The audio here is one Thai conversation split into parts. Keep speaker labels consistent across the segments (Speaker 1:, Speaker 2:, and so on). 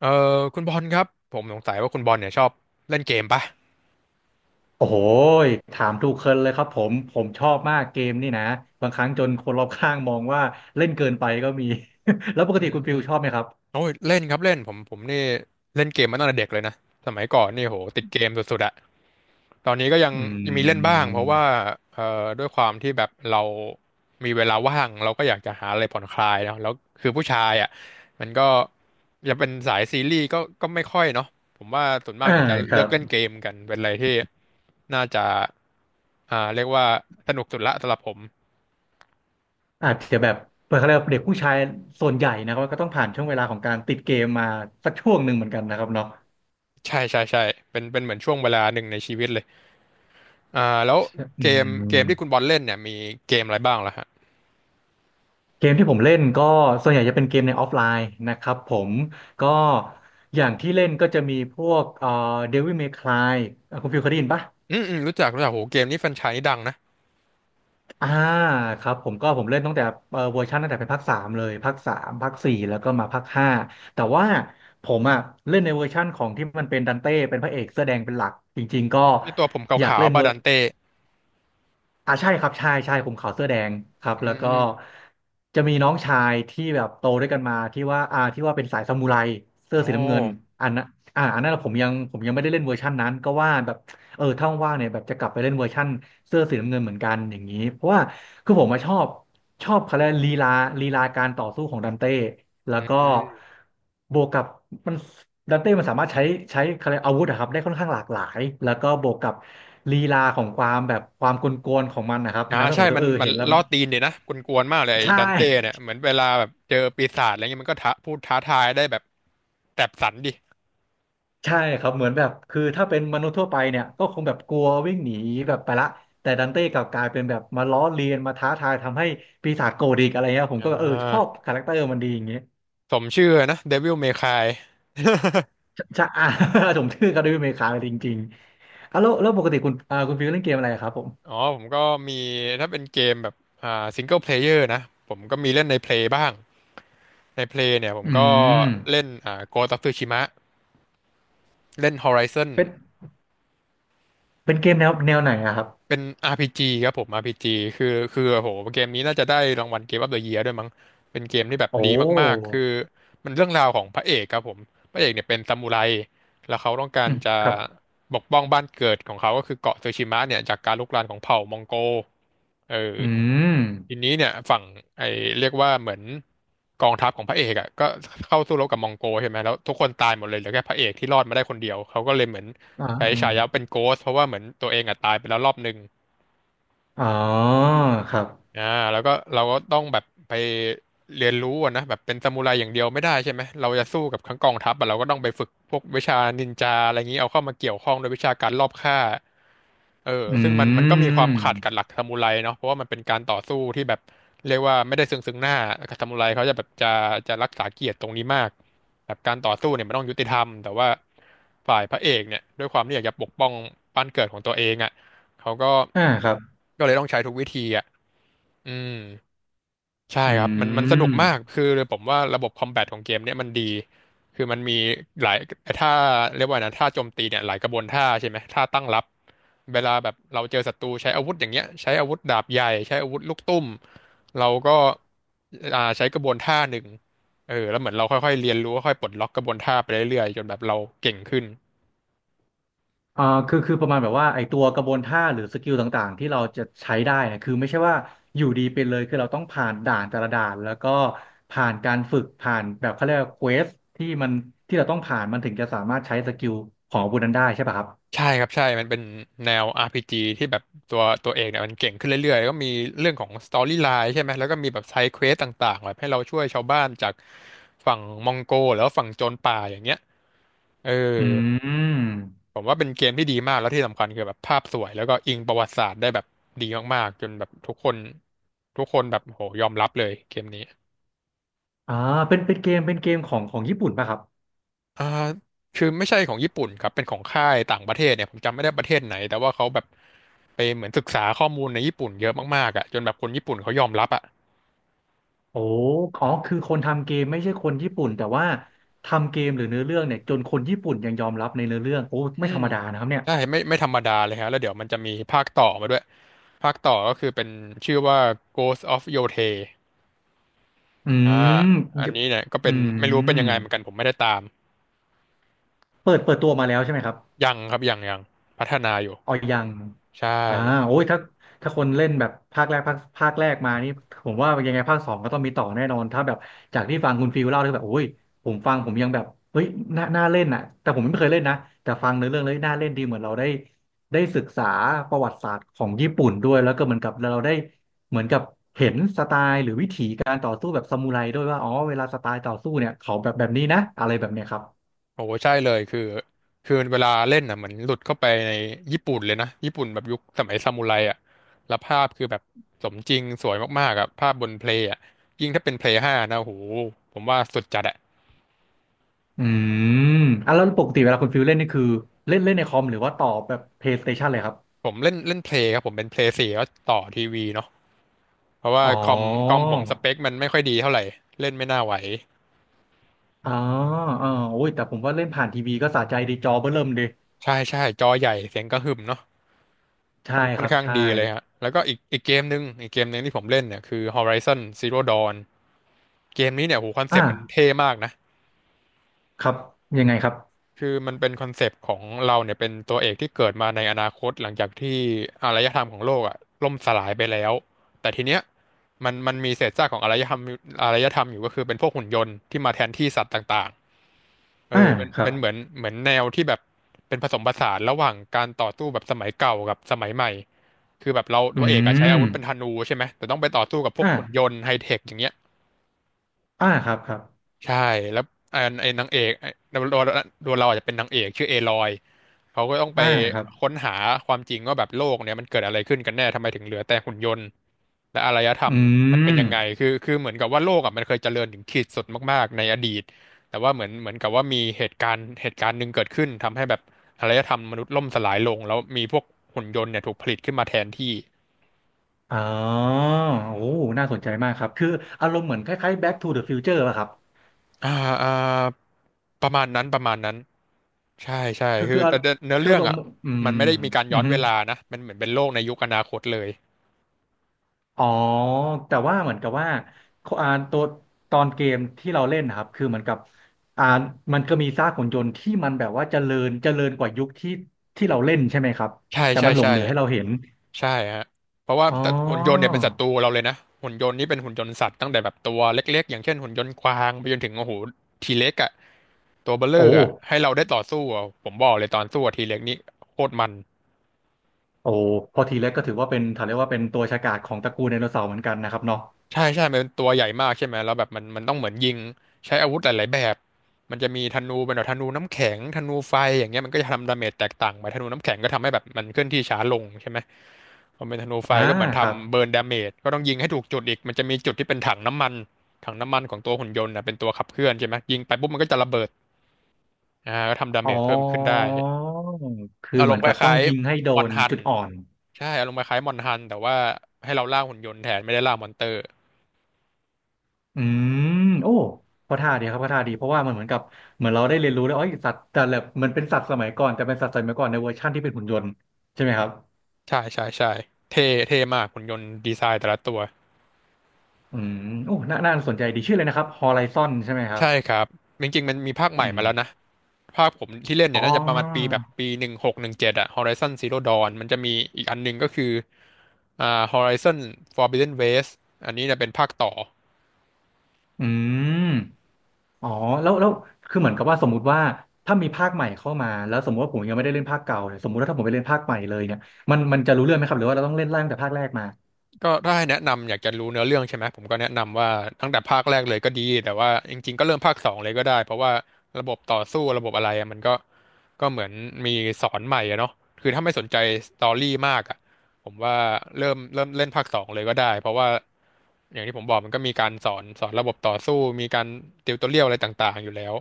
Speaker 1: เออคุณบอลครับผมสงสัยว่าคุณบอลเนี่ยชอบเล่นเกมปะ
Speaker 2: โอ้โหยถามถูกเคินเลยครับผมผมชอบมากเกมนี่นะบางครั้งจนคนรอบข้างมองว่าเล่นเกินไปก็มี แล้วปก
Speaker 1: อื
Speaker 2: ติคุณฟิ
Speaker 1: ม
Speaker 2: ลชอบไหมครับ
Speaker 1: โอ้ยเล่นครับเล่นผมนี่เล่นเกมมาตั้งแต่เด็กเลยนะสมัยก่อนนี่โหติดเกมสุดๆอะตอนนี้ก็ยัง
Speaker 2: อื
Speaker 1: ยังมีเล่นบ้างเพราะว่า
Speaker 2: ม
Speaker 1: เอ่อด้วยความที่แบบเรามีเวลาว่างเราก็อยากจะหาอะไรผ่อนคลายเนาะแล้วคือผู้ชายอะมันก็จะเป็นสายซีรีส์ก็ไม่ค่อยเนาะผมว่าส่วนมาก
Speaker 2: อ่า
Speaker 1: เนี่ยจะ
Speaker 2: ค
Speaker 1: เลื
Speaker 2: รั
Speaker 1: อกเล่น
Speaker 2: บ
Speaker 1: เกมกันเป็นอะไรที่น่าจะเรียกว่าสนุกสุดละสำหรับผม
Speaker 2: อาจจะแบบเปิดเขาเรียกว่าเด็กผู้ชายส่วนใหญ่นะครับก็ต้องผ่านช่วงเวลาของการติดเกมมาสักช่วงหนึ่งเหมือนกันนะครับเนาะ
Speaker 1: ใช่ใช่ใช่เป็นเหมือนช่วงเวลาหนึ่งในชีวิตเลยอ่าแล้ว
Speaker 2: อื
Speaker 1: เกมที่คุณ
Speaker 2: ม
Speaker 1: บอลเล่นเนี่ยมีเกมอะไรบ้างล่ะฮะ
Speaker 2: เกมที่ผมเล่นก็ส่วนใหญ่จะเป็นเกมในออฟไลน์นะครับผมก็อย่างที่เล่นก็จะมีพวกDevil May Cry อ่ะคุณฟิลเคยได้ยินปะ
Speaker 1: อืมอืมรู้จักรู้จักโหเกมนี้แฟรนไชส์นี้ดังนะ
Speaker 2: อ่าครับผมก็ผมเล่นตั้งแต่เวอร์ชันตั้งแต่เป็นภาคสามเลยภาคสามภาคสี่แล้วก็มาภาคห้าแต่ว่าผมอ่ะเล่นในเวอร์ชั่นของที่มันเป็นดันเต้เป็นพระเอกเสื้อแดงเป็นหลักจริงๆก็
Speaker 1: ในตัวผมข
Speaker 2: อยาก
Speaker 1: าว
Speaker 2: เล่น
Speaker 1: ๆบา
Speaker 2: เวอ
Speaker 1: ดั
Speaker 2: ร์
Speaker 1: นเต้
Speaker 2: อ่าใช่ครับใช่ใช่ผมขาวเสื้อแดงครับ
Speaker 1: อื
Speaker 2: แล้วก็
Speaker 1: ม
Speaker 2: จะมีน้องชายที่แบบโตด้วยกันมาที่ว่าอ่าที่ว่าเป็นสายซามูไรเสื้อ
Speaker 1: โอ้
Speaker 2: สีน้ำเงินอันนั้นอ่าอันนั้นผมยังผมยังไม่ได้เล่นเวอร์ชันนั้นก็ว่าแบบ เออถ้าว่างๆเนี่ยแบบจะกลับไปเล่นเวอร์ชั่นเสื้อสีน้ำเงินเหมือนกันอย่างนี้เพราะว่าคือผมมาชอบชอบเขาเรียกลีลาลีลาการต่อสู้ของดันเต้แล้ว
Speaker 1: อื
Speaker 2: ก็
Speaker 1: ม
Speaker 2: บวกกับมันดันเต้มันสามารถใช้ใช้เขาเรียกอาวุธอะครับได้ค่อนข้างหลากหลายแล้วก็บวกกับลีลาของความแบบความกลวนๆของมันนะครับ
Speaker 1: อ่า
Speaker 2: ทำให้ผ
Speaker 1: ใช่
Speaker 2: มรู้สึ
Speaker 1: มั
Speaker 2: ก
Speaker 1: น
Speaker 2: เออ
Speaker 1: มัน
Speaker 2: เห็นแล้ว
Speaker 1: ล่
Speaker 2: มั
Speaker 1: อ
Speaker 2: น
Speaker 1: ตีนดีนะกวนๆมากเลยไอ้
Speaker 2: ใช่
Speaker 1: ดันเต้เนี่ยเหมือนเวลาแบบเจอปีศาจอะไรเงี้ยมันก็ท้าพูดท้าทายได้แบบแสบสันดิ
Speaker 2: ใช่ครับเหมือนแบบคือถ้าเป็นมนุษย์ทั่วไปเนี่ยก็คงแบบกลัววิ่งหนีแบบไปละแต่ดันเต้กลับกลายเป็นแบบมาล้อเลียนมาท้าทายทำให้ปีศาจโกรธอีกอะไรเงี้ยผม
Speaker 1: อ่
Speaker 2: ก็แบบเออชอบ
Speaker 1: า
Speaker 2: คาแรคเตอร์มันดีอย่างเงี้ย
Speaker 1: สมชื่อนะ Devil May Cry
Speaker 2: ช่ อ่า ผมชื่อคาเดมี่เมคาจริงๆอ่ะแล้วแล้วปกติคุณอ่าคุณฟิวเล่นเกมอะไรครับผม
Speaker 1: อ๋อผมก็มีถ้าเป็นเกมแบบอ่าซิงเกิลเพลเยอร์นะผมก็มีเล่นในเพลยบ้าง ในเพลงเนี่ยผม
Speaker 2: อื
Speaker 1: ก็
Speaker 2: ม
Speaker 1: เล่นอ่าโกะตับฟูชิมะเล่นฮอริซอน
Speaker 2: เป็นเกมแนวไหนอะครับ
Speaker 1: เป็น RPG ครับผม RPG คือคือโหเกมนี้น่าจะได้รางวัลเกม of the Year ดอะเยียร์ด้วยมั้งเป็นเกมที่แบบ
Speaker 2: โอ้
Speaker 1: ดีมากๆคือมันเรื่องราวของพระเอกครับผมพระเอกเนี่ยเป็นซามูไรแล้วเขาต้องการ
Speaker 2: อืม
Speaker 1: จะ
Speaker 2: ครับ
Speaker 1: ปกป้องบ้านเกิดของเขาก็คือเกาะซูชิมะเนี่ยจากการรุกรานของเผ่ามองโกเออ
Speaker 2: อืม
Speaker 1: ทีนี้เนี่ยฝั่งไอเรียกว่าเหมือนกองทัพของพระเอกอ่ะก็เข้าสู้รบกับมองโกใช่ไหมแล้วทุกคนตายหมดเลยเหลือแค่พระเอกที่รอดมาได้คนเดียวเขาก็เลยเหมือน
Speaker 2: อ่
Speaker 1: ใช้ฉายา
Speaker 2: า
Speaker 1: เป็นโกสต์เพราะว่าเหมือนตัวเองอ่ะตายไปแล้วรอบหนึ่ง
Speaker 2: อ๋อครับ
Speaker 1: อ่าแล้วก็เราก็ต้องแบบไปเรียนรู้อะนะแบบเป็นซามูไรอย่างเดียวไม่ได้ใช่ไหมเราจะสู้กับทั้งกองทัพอะเราก็ต้องไปฝึกพวกวิชานินจาอะไรอย่างนี้เอาเข้ามาเกี่ยวข้องโดวยวิชาการลอบฆ่าเออ
Speaker 2: อื
Speaker 1: ซึ่งมันก็มีความขัด
Speaker 2: ม
Speaker 1: กับหลักซามูไรเนาะเพราะว่ามันเป็นการต่อสู้ที่แบบเรียกว่าไม่ได้ซึ่งหน้าซามูไรเขาจะแบบจะจะรักษาเกียรติตรงนี้มากแบบการต่อสู้เนี่ยมันต้องยุติธรรมแต่ว่าฝ่ายพระเอกเนี่ยด้วยความที่อยากจะปกป้องบ้านเกิดของตัวเองอ่ะเขาก็
Speaker 2: อ่าครับ
Speaker 1: ก็เลยต้องใช้ทุกวิธีอ่ะ อืมใช่
Speaker 2: อื
Speaker 1: ครับมันสนุก
Speaker 2: ม
Speaker 1: มากคือผมว่าระบบคอมแบทของเกมเนี่ยมันดีคือมันมีหลายท่าเรียกว่านะท่าโจมตีเนี่ยหลายกระบวนท่าใช่ไหมท่าตั้งรับเวลาแบบเราเจอศัตรูใช้อาวุธอย่างเงี้ยใช้อาวุธดาบใหญ่ใช้อาวุธลูกตุ้มเราก็อ่าใช้กระบวนท่าหนึ่งเออแล้วเหมือนเราค่อยๆเรียนรู้ค่อยๆปลดล็อกกระบวนท่าไปเรื่อยๆจนแบบเราเก่งขึ้น
Speaker 2: อ่าคือคือประมาณแบบว่าไอตัวกระบวนท่าหรือสกิลต่างๆที่เราจะใช้ได้เนี่ยคือไม่ใช่ว่าอยู่ดีเป็นเลยคือเราต้องผ่านด่านแต่ละด่านแล้วก็ผ่านการฝึกผ่านแบบเขาเรียกว่าเควสที่มันที่เราต้องผ่านมันถึงจะสามารถใช้สกิลของอาวุธนั้นได้ใช่ป่ะครับ
Speaker 1: ใช่ครับใช่มันเป็นแนว RPG ที่แบบตัวเอกเนี่ยมันเก่งขึ้นเรื่อยๆแล้วก็มีเรื่องของสตอรี่ไลน์ใช่ไหมแล้วก็มีแบบไซด์เควสต่างๆแบบให้เราช่วยชาวบ้านจากฝั่งมองโกแล้วาฝั่งโจรป่าอย่างเงี้ยเออ
Speaker 2: อืม
Speaker 1: ผมว่าเป็นเกมที่ดีมากแล้วที่สำคัญคือแบบภาพสวยแล้วก็อิงประวัติศาสตร์ได้แบบดีมากๆจนแบบทุกคนทุกคนแบบโหยอมรับเลยเกมนี้
Speaker 2: อ่าเป็นเกมเป็นเกมของของญี่ปุ่นป่ะครับ
Speaker 1: อ่าคือไม่ใช่ของญี่ปุ่นครับเป็นของค่ายต่างประเทศเนี่ยผมจำไม่ได้ประเทศไหนแต่ว่าเขาแบบไปเหมือนศึกษาข้อมูลในญี่ปุ่นเยอะมากๆอ่ะจนแบบคนญี่ปุ่นเขายอมรับอ่ะ
Speaker 2: โอ้อ๋อคือคนทำเกมไม่ใช่คนญี่ปุ่นแต่ว่าทำเกมหรือเนื้อเรื่องเนี่ยจนคนญี่ปุ่นยังยอมรับในเนื้อเรื่องโอ้ไม่
Speaker 1: อื
Speaker 2: ธร
Speaker 1: ม
Speaker 2: รมดานะครับเนี่ย
Speaker 1: ใช่ไม่ไม่ธรรมดาเลยฮะแล้วเดี๋ยวมันจะมีภาคต่อมาด้วยภาคต่อก็คือเป็นชื่อว่า Ghost of Yotei
Speaker 2: อื
Speaker 1: อ่า
Speaker 2: ม
Speaker 1: อั
Speaker 2: เด
Speaker 1: นนี้เนี่ยก็
Speaker 2: อื
Speaker 1: เป็นไม่รู้เป็
Speaker 2: ม
Speaker 1: นยังไงเหมือนกันผมไม่ได้ตาม
Speaker 2: เปิดตัวมาแล้วใช่ไหมครับ
Speaker 1: ยังครับยังยังพัฒนาอยู่
Speaker 2: อ๋อยัง
Speaker 1: ใช่
Speaker 2: อ่าโอ้ยถ้าถ้าคนเล่นแบบภาคแรกภาคภาคแรกมานี่ผมว่ายังไงภาคสองก็ต้องมีต่อแน่นอนถ้าแบบจากที่ฟังคุณฟิลเล่าที่แบบโอ้ยผมฟังผมยังแบบเฮ้ยน่าน่าเล่นอ่ะแต่ผมไม่เคยเล่นนะ แต่ฟังในอเรื่องเลยน่าเล่นดีเหมือนเราได้ ได้ศึกษาประวัติศาสตร์ของญี่ปุ่นด้วย แล้วก็เหมือนกับเราได้เหมือนกับเห็นสไตล์หรือวิถีการต่อสู้แบบซามูไรด้วยว่าอ๋อเวลาสไตล์ต่อสู้เนี่ยเขาแบบแบบนี้นะอะไรแบบเนี้ยครับ
Speaker 1: โอ้ใช่เลยคือเวลาเล่นอ่ะเหมือนหลุดเข้าไปในญี่ปุ่นเลยนะญี่ปุ่นแบบยุคสมัยซามูไรอ่ะแล้วภาพคือแบบสมจริงสวยมากๆอ่ะภาพบนเพลย์อ่ะยิ่งถ้าเป็นเพลย์ห้านะโอ้โหผมว่าสุดจัดอ่ะ
Speaker 2: อืมอ่ะแล้วปกติเวลาคุณฟิลเล่นนี่คือเล่นเล่นในคอมหรือว่าต่อแบบ PlayStation เลยครับ
Speaker 1: ผมเล่นเล่นเพลย์ครับผมเป็นเพลย์สี่แล้วต่อทีวีเนาะเพราะว่า
Speaker 2: อ๋อ
Speaker 1: คอมผมสเปคมันไม่ค่อยดีเท่าไหร่เล่นไม่น่าไหว
Speaker 2: อ๋ออ๋อโอ้ยแต่ผมว่าเล่นผ่านทีวีก็สะใจดีจอเบ้อเริ่มดี
Speaker 1: ใช่ใช่จอใหญ่เสียงกระหึ่มเนาะ
Speaker 2: ใช่
Speaker 1: ค่อนค่
Speaker 2: ค
Speaker 1: อน
Speaker 2: รับ
Speaker 1: ข้าง
Speaker 2: ใช่
Speaker 1: ดีเลยฮะแล้วก็อีกอีกเกมหนึ่งอีกเกมหนึ่งที่ผมเล่นเนี่ยคือ Horizon Zero Dawn เกมนี้เนี่ยโหคอนเซปต์มัน
Speaker 2: อ่า
Speaker 1: เท่มากนะ
Speaker 2: ครับยังไงครับ
Speaker 1: คือมันเป็นคอนเซปต์ของเราเนี่ยเป็นตัวเอกที่เกิดมาในอนาคตหลังจากที่อารยธรรมของโลกอ่ะล่มสลายไปแล้วแต่ทีเนี้ยมันมีเศษซากของอารยธรรมอยู่ก็คือเป็นพวกหุ่นยนต์ที่มาแทนที่สัตว์ต่างๆ
Speaker 2: อ่า
Speaker 1: เป็น
Speaker 2: ครั
Speaker 1: เป็
Speaker 2: บ
Speaker 1: นเหมือนแนวที่แบบเป็นผสมผสานระหว่างการต่อสู้แบบสมัยเก่ากับสมัยใหม่คือแบบเรา
Speaker 2: อื
Speaker 1: ตัวเอกอะใช้อา
Speaker 2: ม
Speaker 1: วุธเป็นธนูใช่ไหมแต่ต้องไปต่อสู้กับพวกหุ่นย
Speaker 2: อ่า
Speaker 1: นต์ไฮเทคอย่างเงี้ย
Speaker 2: อ่าครับครับ
Speaker 1: ใช่แล้วไอ้นางเอกไอ้ตัวเราอาจจะเป็นนางเอกชื่อเอลอยเขาก็ต้องไป
Speaker 2: อ่าครับ
Speaker 1: ค้นหาความจริงว่าแบบโลกเนี่ยมันเกิดอะไรขึ้นกันแน่ทำไมถึงเหลือแต่หุ่นยนต์และอารยธรร
Speaker 2: อื
Speaker 1: มมันเป็น
Speaker 2: ม
Speaker 1: ยังไงคือเหมือนกับว่าโลกอ่ะมันเคยเจริญถึงขีดสุดมากๆในอดีตแต่ว่าเหมือนกับว่ามีเหตุการณ์หนึ่งเกิดขึ้นทำให้แบบอารยธรรมมนุษย์ล่มสลายลงแล้วมีพวกหุ่นยนต์เนี่ยถูกผลิตขึ้นมาแทนที่
Speaker 2: อ๋อโอ้น่าสนใจมากครับคืออารมณ์เหมือนคล้ายๆ Back to the Future อะครับ
Speaker 1: อ่าอ่าประมาณนั้นประมาณนั้นใช่ใช่
Speaker 2: คือ
Speaker 1: คื
Speaker 2: คื
Speaker 1: อ
Speaker 2: อ
Speaker 1: แต่เนื้อ
Speaker 2: คือ
Speaker 1: เรื่
Speaker 2: อา
Speaker 1: อง
Speaker 2: รม
Speaker 1: อ่ะ
Speaker 2: ณ์อื
Speaker 1: มัน
Speaker 2: ม
Speaker 1: ไม่ได้มีการ
Speaker 2: อื
Speaker 1: ย้อน
Speaker 2: ม
Speaker 1: เวลานะมันเหมือนเป็นโลกในยุคอนาคตเลย
Speaker 2: อ๋อแต่ว่าเหมือนกับว่าอ่าตัวตอนเกมที่เราเล่นนะครับคือเหมือนกับอ่ามันก็มีซากหุ่นยนต์ที่มันแบบว่าเจริญเจริญกว่ายุคที่ที่เราเล่นใช่ไหมครับ
Speaker 1: ใช่
Speaker 2: แต่
Speaker 1: ใช่
Speaker 2: มันหลง
Speaker 1: ใช่
Speaker 2: เหลือให้เราเห็น
Speaker 1: ใช่ฮะเพราะว่า
Speaker 2: อ๋อ
Speaker 1: แต่หุ่นยนต์เนี่ยเป็นศัตรูเราเลยนะหุ่นยนต์นี่เป็นหุ่นยนต์สัตว์ตั้งแต่แบบตัวเล็กๆอย่างเช่นหุ่นยนต์กวางไปจนถึงโอ้โหทีเล็กอ่ะตัวเบลเล
Speaker 2: โอ้
Speaker 1: อร์อ่ะให้เราได้ต่อสู้อะผมบอกเลยตอนสู้ทีเล็กนี่โคตรมัน
Speaker 2: โอ้พอทีแรกก็ถือว่าเป็นถ้าเรียกว่าเป็นตัวฉกาจของตระกูลไดโนเสาร์เหมือนกันนะครับเนาะ
Speaker 1: ใช่ใช่มันเป็นตัวใหญ่มากใช่ไหมแล้วแบบมันต้องเหมือนยิงใช้อาวุธหลายๆแบบมันจะมีธนูเป็นแบบธนูน้ำแข็งธนูไฟอย่างเงี้ยมันก็จะทำดาเมจแตกต่างไปธนูน้ำแข็งก็ทำให้แบบมันเคลื่อนที่ช้าลงใช่ไหมพอเป็นธนูไฟ
Speaker 2: อ่า
Speaker 1: ก็เหมือน
Speaker 2: ครับ
Speaker 1: ทำเบิร์นดาเมจก็ต้องยิงให้ถูกจุดอีกมันจะมีจุดที่เป็นถังน้ำมันของตัวหุ่นยนต์นะเป็นตัวขับเคลื่อนใช่ไหมยิงไปปุ๊บมันก็จะระเบิดก็ทำดา
Speaker 2: อ๋
Speaker 1: เม
Speaker 2: อ
Speaker 1: จเพิ่มขึ้นได้
Speaker 2: คือ
Speaker 1: อา
Speaker 2: เห
Speaker 1: ร
Speaker 2: มื
Speaker 1: ม
Speaker 2: อ
Speaker 1: ณ์
Speaker 2: น
Speaker 1: ค
Speaker 2: กับต้อ
Speaker 1: ล้า
Speaker 2: ง
Speaker 1: ย
Speaker 2: ยิงให้โด
Speaker 1: ๆมอน
Speaker 2: น
Speaker 1: ฮัน
Speaker 2: จุดอ่อน
Speaker 1: ใช่อารมณ์คล้ายๆมอนฮันแต่ว่าให้เราล่าหุ่นยนต์แทนไม่ได้ล่ามอนเตอร์
Speaker 2: อืมโอ้ก็ท่าดีครับก็ท่าดีเพราะว่ามันเหมือนกับเหมือนเราได้เรียนรู้แล้วอ๋อสัตว์แต่ละมันเป็นสัตว์สมัยก่อนแต่เป็นสัตว์สมัยก่อนในเวอร์ชั่นที่เป็นหุ่นยนต์ใช่ไหมครับ
Speaker 1: ใช่ใช่ใช่เท่เท่มากหุ่นยนต์ดีไซน์แต่ละตัว
Speaker 2: อืมโอ้น่าน่าสนใจดีชื่อเลยนะครับ Horizon ใช่ไหมครับ
Speaker 1: ใช่ครับจริงๆมันมีภาคให
Speaker 2: อื
Speaker 1: ม่
Speaker 2: ม
Speaker 1: มาแล้วนะภาคผมที่เล่น
Speaker 2: อ๋
Speaker 1: เนี่ย
Speaker 2: อ
Speaker 1: น่าจะประมาณปีแบบปีหนึ่งหกหนึ่งเจ็ดอะ Horizon Zero Dawn มันจะมีอีกอันหนึงก็คืออ่า Horizon Forbidden West อันนี้เนี่ยเป็นภาคต่อ
Speaker 2: อืมอ๋อแล้วแล้วคือเหมือนกับว่าสมมติว่าถ้ามีภาคใหม่เข้ามาแล้วสมมติว่าผมยังไม่ได้เล่นภาคเก่าเนี่ยสมมติว่าถ้าผมไปเล่นภาคใหม่เลยเนี่ยมันมันจะรู้เรื่องไหมครับหรือว่าเราต้องเล่นไล่ตั้งแต่ภาคแรกมา
Speaker 1: ก็ถ้าให้แนะนำอยากจะรู้เนื้อเรื่องใช่ไหมผมก็แนะนำว่าตั้งแต่ภาคแรกเลยก็ดีแต่ว่าจริงๆก็เริ่มภาคสองเลยก็ได้เพราะว่าระบบต่อสู้ระบบอะไรอะมันก็ก็เหมือนมีสอนใหม่อะเนาะคือถ้าไม่สนใจสตอรี่มากอะผมว่าเริ่มเล่นภาคสองเลยก็ได้เพราะว่าอย่างที่ผมบอกมันก็มีการสอนระบบต่อสู้มีการติวตัวเรียวอะไรต่างๆอยู่แล้ว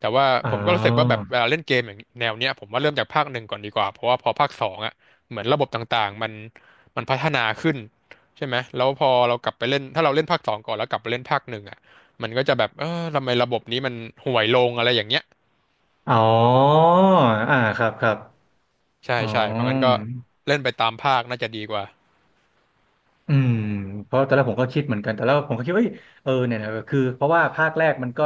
Speaker 1: แต่ว่า
Speaker 2: อ๋
Speaker 1: ผมก็รู้สึกว่าแบ
Speaker 2: อ
Speaker 1: บเวลาเล่นเกมอย่างแนวเนี้ยผมว่าเริ่มจากภาคหนึ่งก่อนดีกว่าเพราะว่าพอภาคสองอ่ะเหมือนระบบต่างๆมันพัฒนาขึ้นใช่ไหมแล้วพอเรากลับไปเล่นถ้าเราเล่นภาคสองก่อนแล้วกลับไปเล่นภาคหนึ่งอ่ะมันก็จะแบบเออทำไมระบบนี้มันห่วยลงอะไรอย่างเงี้ย
Speaker 2: อ๋ออ่าครับครับ
Speaker 1: ใช่
Speaker 2: อ๋อ
Speaker 1: ใช่เพราะงั้นก็เล่นไปตามภาคน่าจะดีกว่า
Speaker 2: อืมเพราะตอนแรกผมก็คิดเหมือนกันแต่แล้วผมก็คิดว่าเอ้ยเออเนี่ยนะคือเพราะว่าภาคแรกมันก็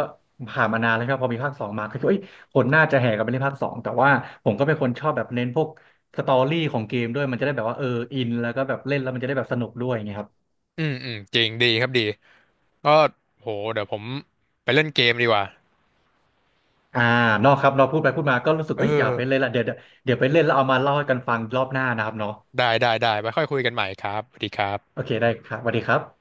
Speaker 2: ผ่านมานานแล้วครับพอมีภาคสองมาก็คิดว่าเอ้ยคนน่าจะแห่กันไปเล่นภาคสองแต่ว่าผมก็เป็นคนชอบแบบเน้นพวกสตอรี่ของเกมด้วยมันจะได้แบบว่าเอออินแล้วก็แบบเล่นแล้วมันจะได้แบบสนุกด้วยอย่างเงี้ยครับ
Speaker 1: อืมอืมจริงดีครับดีก็โหเดี๋ยวผมไปเล่นเกมดีกว่า
Speaker 2: อ่านอกครับเราพูดไปพูดมาก็รู้สึก
Speaker 1: เอ
Speaker 2: เอ้ยอยา
Speaker 1: อ
Speaker 2: กไปเล่นละเดี๋ยวเดี๋ยวไปเล่นแล้วเอามาเล่าให้กันฟังรอบหน้านะครับเนาะ
Speaker 1: ได้ได้ได้ไปค่อยคุยกันใหม่ครับสวัสดีครับ
Speaker 2: โอเคได้ครับสวัสดีครับ